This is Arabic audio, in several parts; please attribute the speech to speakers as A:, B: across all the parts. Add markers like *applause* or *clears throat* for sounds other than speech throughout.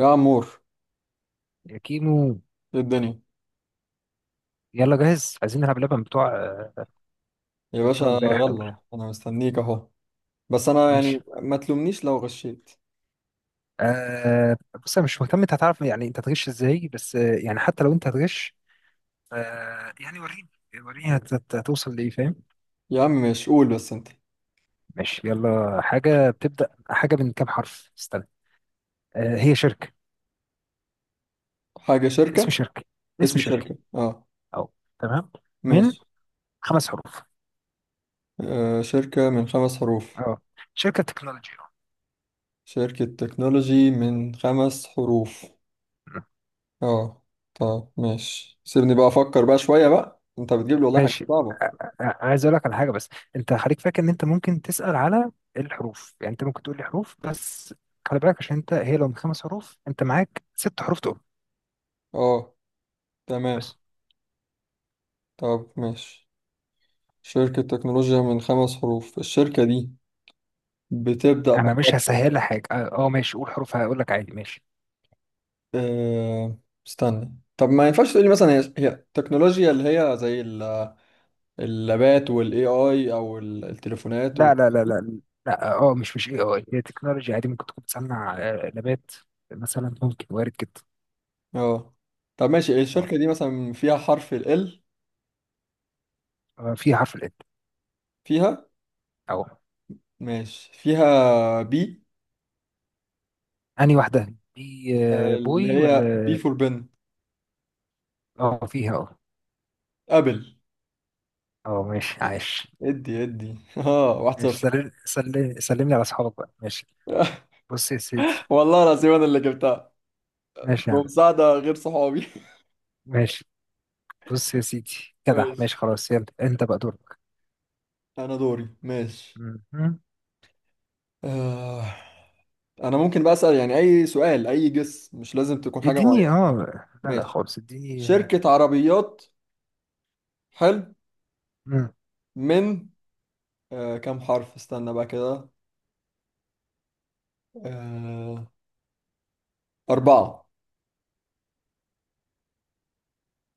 A: يا عمور،
B: يا كيمو،
A: ايه الدنيا؟
B: يلا جاهز؟ عايزين نلعب لعبة من بتوع
A: يا
B: من
A: باشا
B: بتوع امبارح دول.
A: يلا انا مستنيك اهو. بس انا
B: ماشي.
A: يعني ما تلومنيش لو غشيت.
B: آه. بص، انا مش مهتم انت هتعرف يعني انت هتغش ازاي، بس يعني حتى لو انت هتغش، يعني وريني، وريني هتوصل لايه، فاهم؟
A: يا عم ماشي قول بس انت.
B: ماشي، يلا. حاجة بتبدأ، حاجة من كام حرف؟ استنى. آه، هي شركة.
A: حاجة شركة.
B: اسم شركة، اسم
A: اسم
B: شركة.
A: شركة. اه
B: اهو، تمام. من
A: ماشي.
B: خمس حروف.
A: آه شركة من خمس حروف.
B: اه. شركة تكنولوجيا.
A: شركة تكنولوجي من خمس حروف. اه. طب ماشي سيبني بقى افكر بقى شوية بقى، انت بتجيب لي والله حاجة
B: ماشي.
A: صعبة.
B: عايز اقول لك على حاجه، بس انت خليك فاكر ان انت ممكن تسال على الحروف، يعني انت ممكن تقول لي حروف بس. خلي بالك، عشان انت، هي لو من خمس حروف انت معاك ست حروف تقول.
A: اه تمام.
B: بس
A: طب ماشي، شركة تكنولوجيا من خمس حروف. الشركة دي بتبدأ
B: انا مش
A: بحرف
B: هسهلها حاجه. اه. ماشي، قول حروف هقول لك عادي. ماشي.
A: أه... استنى. طب ما ينفعش تقولي مثلا هي التكنولوجيا اللي هي زي اللابات والاي اي او التليفونات
B: لا
A: وال.
B: لا لا لا، لا اه. مش اي اي، هي تكنولوجيا عادي، ممكن تكون بتصنع نبات مثلا، ممكن، وارد جدا.
A: اه طب ماشي،
B: آه.
A: الشركة دي مثلا فيها حرف ال L؟
B: آه، في حرف الات.
A: فيها.
B: اهو.
A: ماشي فيها بي؟
B: انهي واحده دي؟
A: اللي
B: بوي
A: هي بي
B: ولا؟
A: فور بن.
B: اه، فيها. اه
A: ابل.
B: اه ماشي، عايش.
A: ادي ادي *laughs* اه واحد
B: ماشي،
A: صفر.
B: سلم سلم سلم لي على اصحابك بقى. ماشي.
A: *laughs*
B: بص يا سيدي.
A: والله العظيم انا اللي جبتها
B: ماشي يا عم.
A: بمساعدة غير صحابي.
B: ماشي، بص يا سيدي.
A: *laughs*
B: جدع.
A: ماشي.
B: ماشي، خلاص، يلا، انت بقى دورك.
A: انا دوري ماشي.
B: مهم.
A: آه. انا ممكن بقى اسال يعني اي سؤال، اي جس مش لازم تكون حاجه معينه.
B: اديني، اه. لا لا
A: ماشي.
B: خالص، اديني.
A: شركه عربيات. حلو.
B: مم.
A: من آه كم حرف استنى بقى كده. آه اربعه.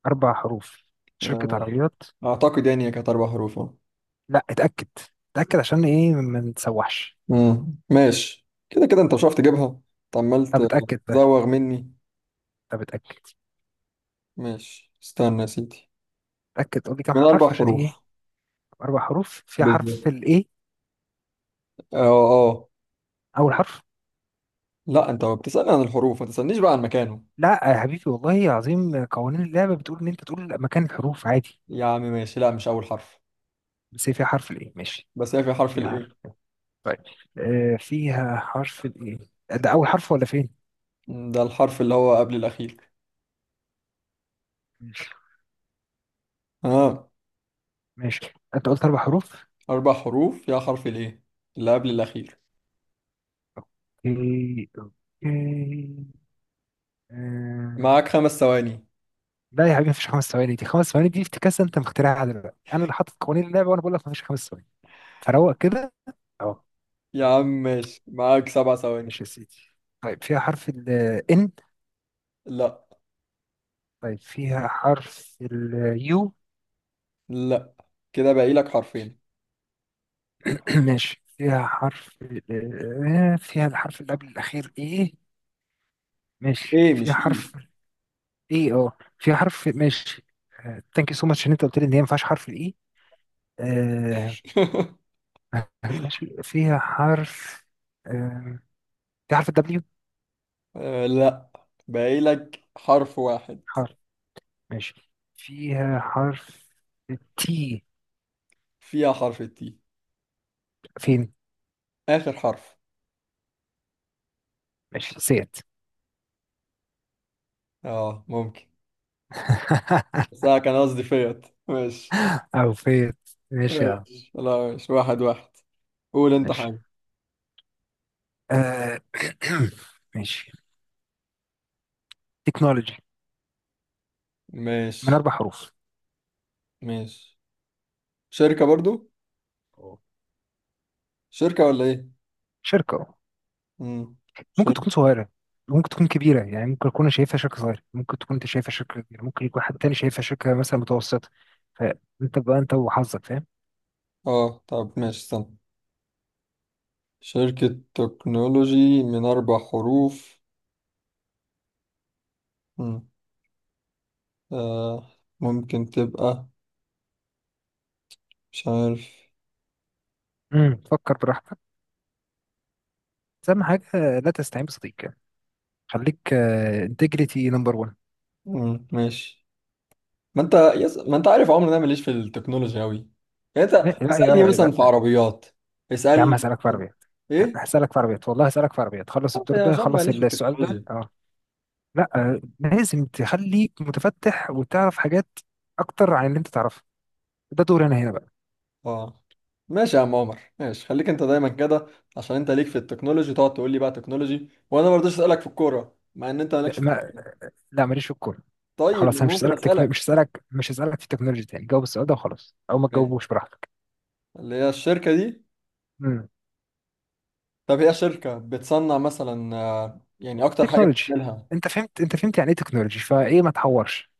B: اربع حروف، شركة
A: آه
B: عربيات؟
A: اعتقد يعني هي كانت اربع حروف آه.
B: لا، اتأكد. اتأكد عشان ايه، ما نتسوحش.
A: مم. ماشي، كده كده انت مش عارف تجيبها. انت عمال
B: طب اتأكد ده.
A: تزوغ مني.
B: طب اتأكد.
A: ماشي استنى يا سيدي.
B: اتأكد، قول لي كام
A: من اربع
B: حرف عشان ايه.
A: حروف.
B: اربع حروف، فيها حرف
A: بالظبط.
B: الايه؟
A: اه اه.
B: اول حرف؟
A: لا انت بتسالني عن الحروف، ما تسالنيش بقى عن مكانه.
B: لا يا حبيبي، والله عظيم، قوانين اللعبة بتقول ان انت تقول مكان الحروف عادي.
A: يا عم ماشي، لا مش اول حرف.
B: بس هي فيها حرف الايه؟ ماشي،
A: بس هي في حرف
B: فيها حرف.
A: الايه.
B: طيب، فيها حرف الايه، ده اول حرف ولا فين؟
A: ده الحرف اللي هو قبل الأخير.
B: ماشي.
A: ها.
B: ماشي، انت قلت اربع حروف.
A: أربع حروف، يا حرف الإيه اللي قبل الأخير.
B: اوكي اوكي. آه.
A: معاك خمس ثواني.
B: لا يا حبيبي، مفيش خمس ثواني، دي خمس ثواني دي افتكاسه انت مخترعها دلوقتي، انا اللي حاطط قوانين اللعبه، وانا بقول لك مفيش خمس ثواني، فروق كده. اه.
A: يا عم ماشي، معاك سبع ثواني.
B: ماشي يا سيدي. طيب، فيها حرف ال N؟
A: لا
B: طيب، فيها حرف ال U؟
A: لا. كده باقي لك حرفين.
B: *clears throat* ماشي، فيها حرف فيها الحرف اللي قبل الأخير إيه؟ ماشي،
A: إيه
B: فيها
A: مش إيه.
B: حرف اي. اه، في حرف. ماشي. ثانك يو سو ماتش ان انت قلت لي ان هي ما فيهاش حرف الاي. آه.
A: *laughs*
B: ماشي، فيها حرف. آه في حرف الدبليو؟
A: آه، لا. باقي لك حرف واحد.
B: حرف. ماشي، فيها حرف التي؟
A: فيها حرف التي.
B: فين؟
A: آخر حرف.
B: ماشي، سيت.
A: آه ممكن.
B: *laughs*
A: بس أنا كان قصدي فيت. ماشي
B: او فيت. ماشي يا عم.
A: ماشي، لا ماشي واحد واحد. قول أنت
B: ماشي.
A: حاجة.
B: آه. *clears throat* ماشي، تكنولوجي من
A: ماشي
B: اربع حروف.
A: ماشي. شركة برضو؟
B: أوه.
A: شركة ولا إيه؟
B: شركة،
A: مم.
B: ممكن
A: شركة.
B: تكون صغيرة، ممكن تكون كبيرة، يعني ممكن أكون أنا شايفها شركة صغيرة، ممكن تكون أنت شايفها شركة كبيرة، ممكن يكون حد تاني شايفها شركة مثلا متوسطة. فأنت بقى، أنت وحظك، فاهم؟
A: اه طب ماشي استنى. شركة تكنولوجي من أربع حروف. مم. آه. ممكن تبقى، مش عارف.
B: فكر براحتك، بس أهم حاجة، لا تستعين بصديق يعني، خليك، انتجريتي نمبر 1.
A: مم. ماشي، ما انت ما انت عارف عمري إن انا ماليش في التكنولوجي أوي. يعني انت
B: لا
A: اسألني
B: يا،
A: مثلا في
B: لا.
A: عربيات.
B: يا عم
A: اسألني
B: هسألك في عربيات،
A: ايه.
B: هسألك في عربيات والله، هسألك في عربيات، خلص
A: آه،
B: الدور
A: يا
B: ده،
A: عشان
B: خلص
A: ماليش في
B: السؤال ده.
A: التكنولوجيا.
B: اه. لا. لازم تخليك متفتح وتعرف حاجات أكتر عن اللي أنت تعرفها. ده دور أنا هنا
A: اه ماشي يا عم عمر، ماشي، خليك انت دايما كده. عشان انت ليك في التكنولوجي تقعد تقول لي بقى تكنولوجي، وانا ما رضيتش اسألك في الكورة مع ان انت مالكش في
B: بقى.
A: الكورة.
B: لا، ماليش في الكورة.
A: طيب
B: خلاص،
A: أنا
B: انا مش
A: ممكن
B: هسألك مش
A: اسألك؟
B: هسألك، مش هسألك في تكنولوجي تاني. جاوب السؤال ده وخلاص، او ما
A: أوكي.
B: تجاوبوش براحتك.
A: اللي هي الشركة دي.
B: امم
A: طب هي شركة بتصنع مثلا آه، يعني أكتر حاجة
B: تكنولوجي.
A: بتعملها؟
B: انت فهمت، انت فهمت يعني ايه تكنولوجي، فايه ما تحورش.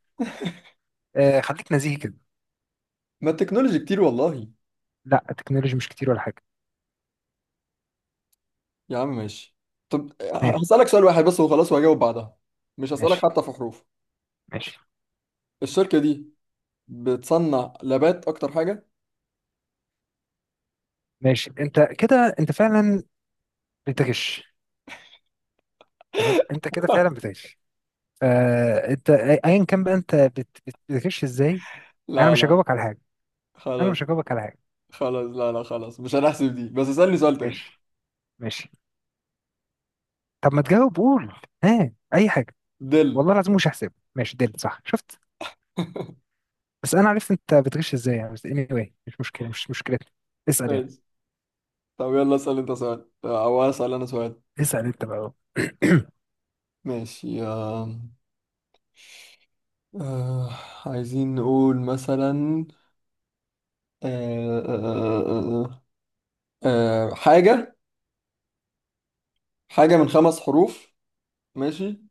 B: آه، خليك نزيهي كده.
A: ما التكنولوجي كتير والله.
B: لا، التكنولوجي مش كتير ولا حاجة.
A: يا عم ماشي. طب آه،
B: ها
A: هسألك سؤال واحد بس وخلاص وهجاوب بعدها. مش هسألك
B: ماشي
A: حتى في حروف.
B: ماشي
A: الشركة دي بتصنع لابات أكتر حاجة؟
B: ماشي، انت كده، انت فعلا بتغش. تمام، انت كده فعلا
A: *laughs*
B: بتغش. آه، انت ايا كان بقى، انت بتغش ازاي؟ انا
A: لا
B: مش
A: لا.
B: هجاوبك على حاجة. انا
A: خلاص.
B: مش هجاوبك على حاجة.
A: خلاص لا لا، خلاص مش هنحسب دي، بس اسألني سؤال تاني.
B: ماشي ماشي. طب ما تجاوب، قول، ها، اي حاجة.
A: دل.
B: والله العظيم مش هحسبه. ماشي، دل صح، شفت؟ بس انا عرفت انت بتغش ازاي يعني، بس anyway مش مشكله، مش مشكلتنا. اسال يعني.
A: ماشي. طب يلا اسأل أنت سؤال آه، أو أسأل أنا سؤال.
B: اسال انت بقى. *clears throat*
A: ماشي آه، آه، عايزين نقول مثلا آه، آه، آه، آه، آه، حاجة. حاجة من خمس حروف. ماشي.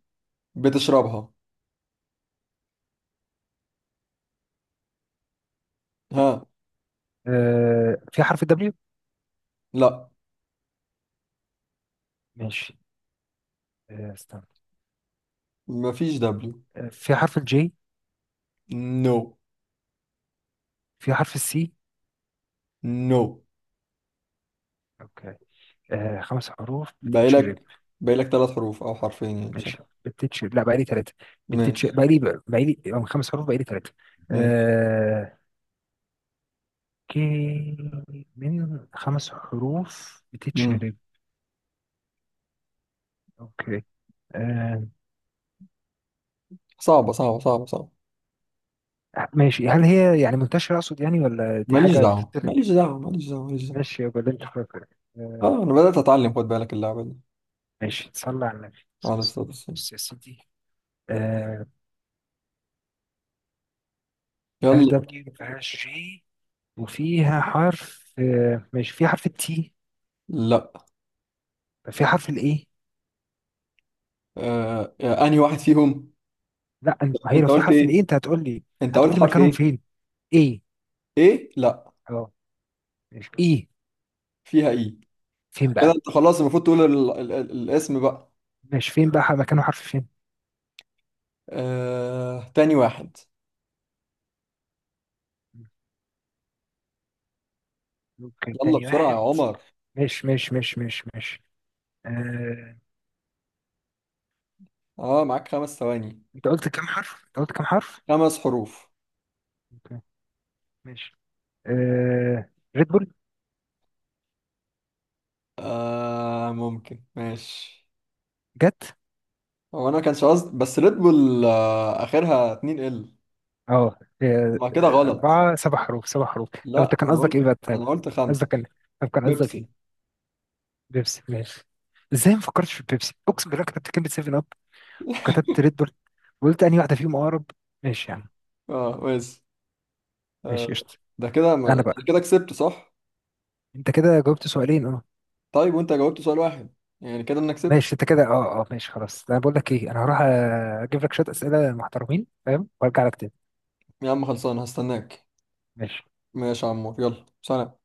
A: بتشربها. ها.
B: في حرف الدبليو؟
A: لا.
B: ماشي. استنى.
A: مفيش دبليو.
B: في حرف الجي؟
A: نو.
B: في حرف السي؟
A: نو.
B: اوكي. خمس حروف
A: باقي
B: بتتشرب.
A: لك، باقي لك ثلاث حروف او حرفين يعني مش عارف.
B: ماشي، بتتشرب، لا بقى لي ثلاثه،
A: ماشي
B: بتتشرب، بقى لي من خمس حروف بقى لي ثلاثه.
A: ماشي.
B: آه، كي. من خمس حروف
A: مم.
B: بتتشرب. اوكي. آه،
A: صعبة صعبة صعبة صعبة.
B: ماشي، هل هي يعني منتشرة أقصد يعني، ولا دي
A: ماليش
B: حاجة
A: دعوة،
B: بتطلب؟
A: ماليش دعوة، ماليش دعوة، ماليش دعوة.
B: ماشي، يبقى اللي أنت فاكره. آه،
A: اه انا بدأت اتعلم خد بالك اللعبة دي.
B: ماشي، تصلي على النبي.
A: على الصوت
B: بص
A: الصين.
B: يا سيدي. آه، ما فيهاش
A: يلا.
B: دبليو، ما فيهاش جي، وفيها حرف. ماشي، فيها حرف التي؟
A: لا.
B: فيها حرف الإيه؟
A: آه آه، انهي واحد فيهم؟
B: لا، ما هي
A: انت
B: لو في
A: قلت
B: حرف
A: ايه؟
B: الإيه أنت هتقول لي،
A: انت
B: هتقول
A: قلت
B: لي
A: حرف
B: مكانهم
A: ايه؟
B: فين. إيه؟
A: ايه. لا.
B: أه. ماشي، إيه؟
A: فيها ايه.
B: فين
A: كده
B: بقى؟
A: انت خلاص المفروض تقول الاسم بقى.
B: ماشي، فين بقى مكانه، حرف فين؟
A: آه... تاني واحد.
B: ممكن
A: يلا
B: تاني
A: بسرعة يا
B: واحد.
A: عمر.
B: ماشي ماشي ماشي ماشي ماشي. آه،
A: اه معاك خمس ثواني.
B: أنت قلت كام حرف؟ أنت قلت كام حرف؟
A: خمس حروف.
B: ماشي. آه... ريد بول.
A: آه... ممكن ماشي.
B: جت.
A: هو انا ما كانش قصدي، بس ريد بول آه... اخرها 2 ال.
B: اه.
A: ما كده غلط.
B: أربعة، سبع حروف، سبع حروف، طب أنت
A: لا
B: كان
A: انا
B: قصدك
A: قلت،
B: إيه بقى طيب؟
A: انا قلت
B: قصدك
A: خمسة.
B: كان، طب كان قصدك
A: بيبسي.
B: إيه؟ بيبسي. ماشي. إزاي ما فكرتش في بيبسي! أقسم بالله كتبت كلمة سيفن أب،
A: *laughs*
B: وكتبت ريد بول، وقلت أنهي واحدة فيهم أقرب. ماشي يا عم.
A: اه ماشي
B: ماشي،
A: آه،
B: قشطة.
A: ده كده
B: أنا
A: أنا
B: بقى،
A: كده كسبت صح؟
B: أنت كده جاوبت سؤالين، أه.
A: طيب وانت جاوبت سؤال واحد. يعني كده انك كسبت.
B: ماشي، أنت كده، أه أه ماشي خلاص، أنا بقول لك إيه، أنا هروح أجيب لك شوية أسئلة محترمين فاهم، وأرجع لك تاني.
A: يا عم خلصان، هستناك.
B: ماشي.
A: ماشي يا عمور، يلا سلام.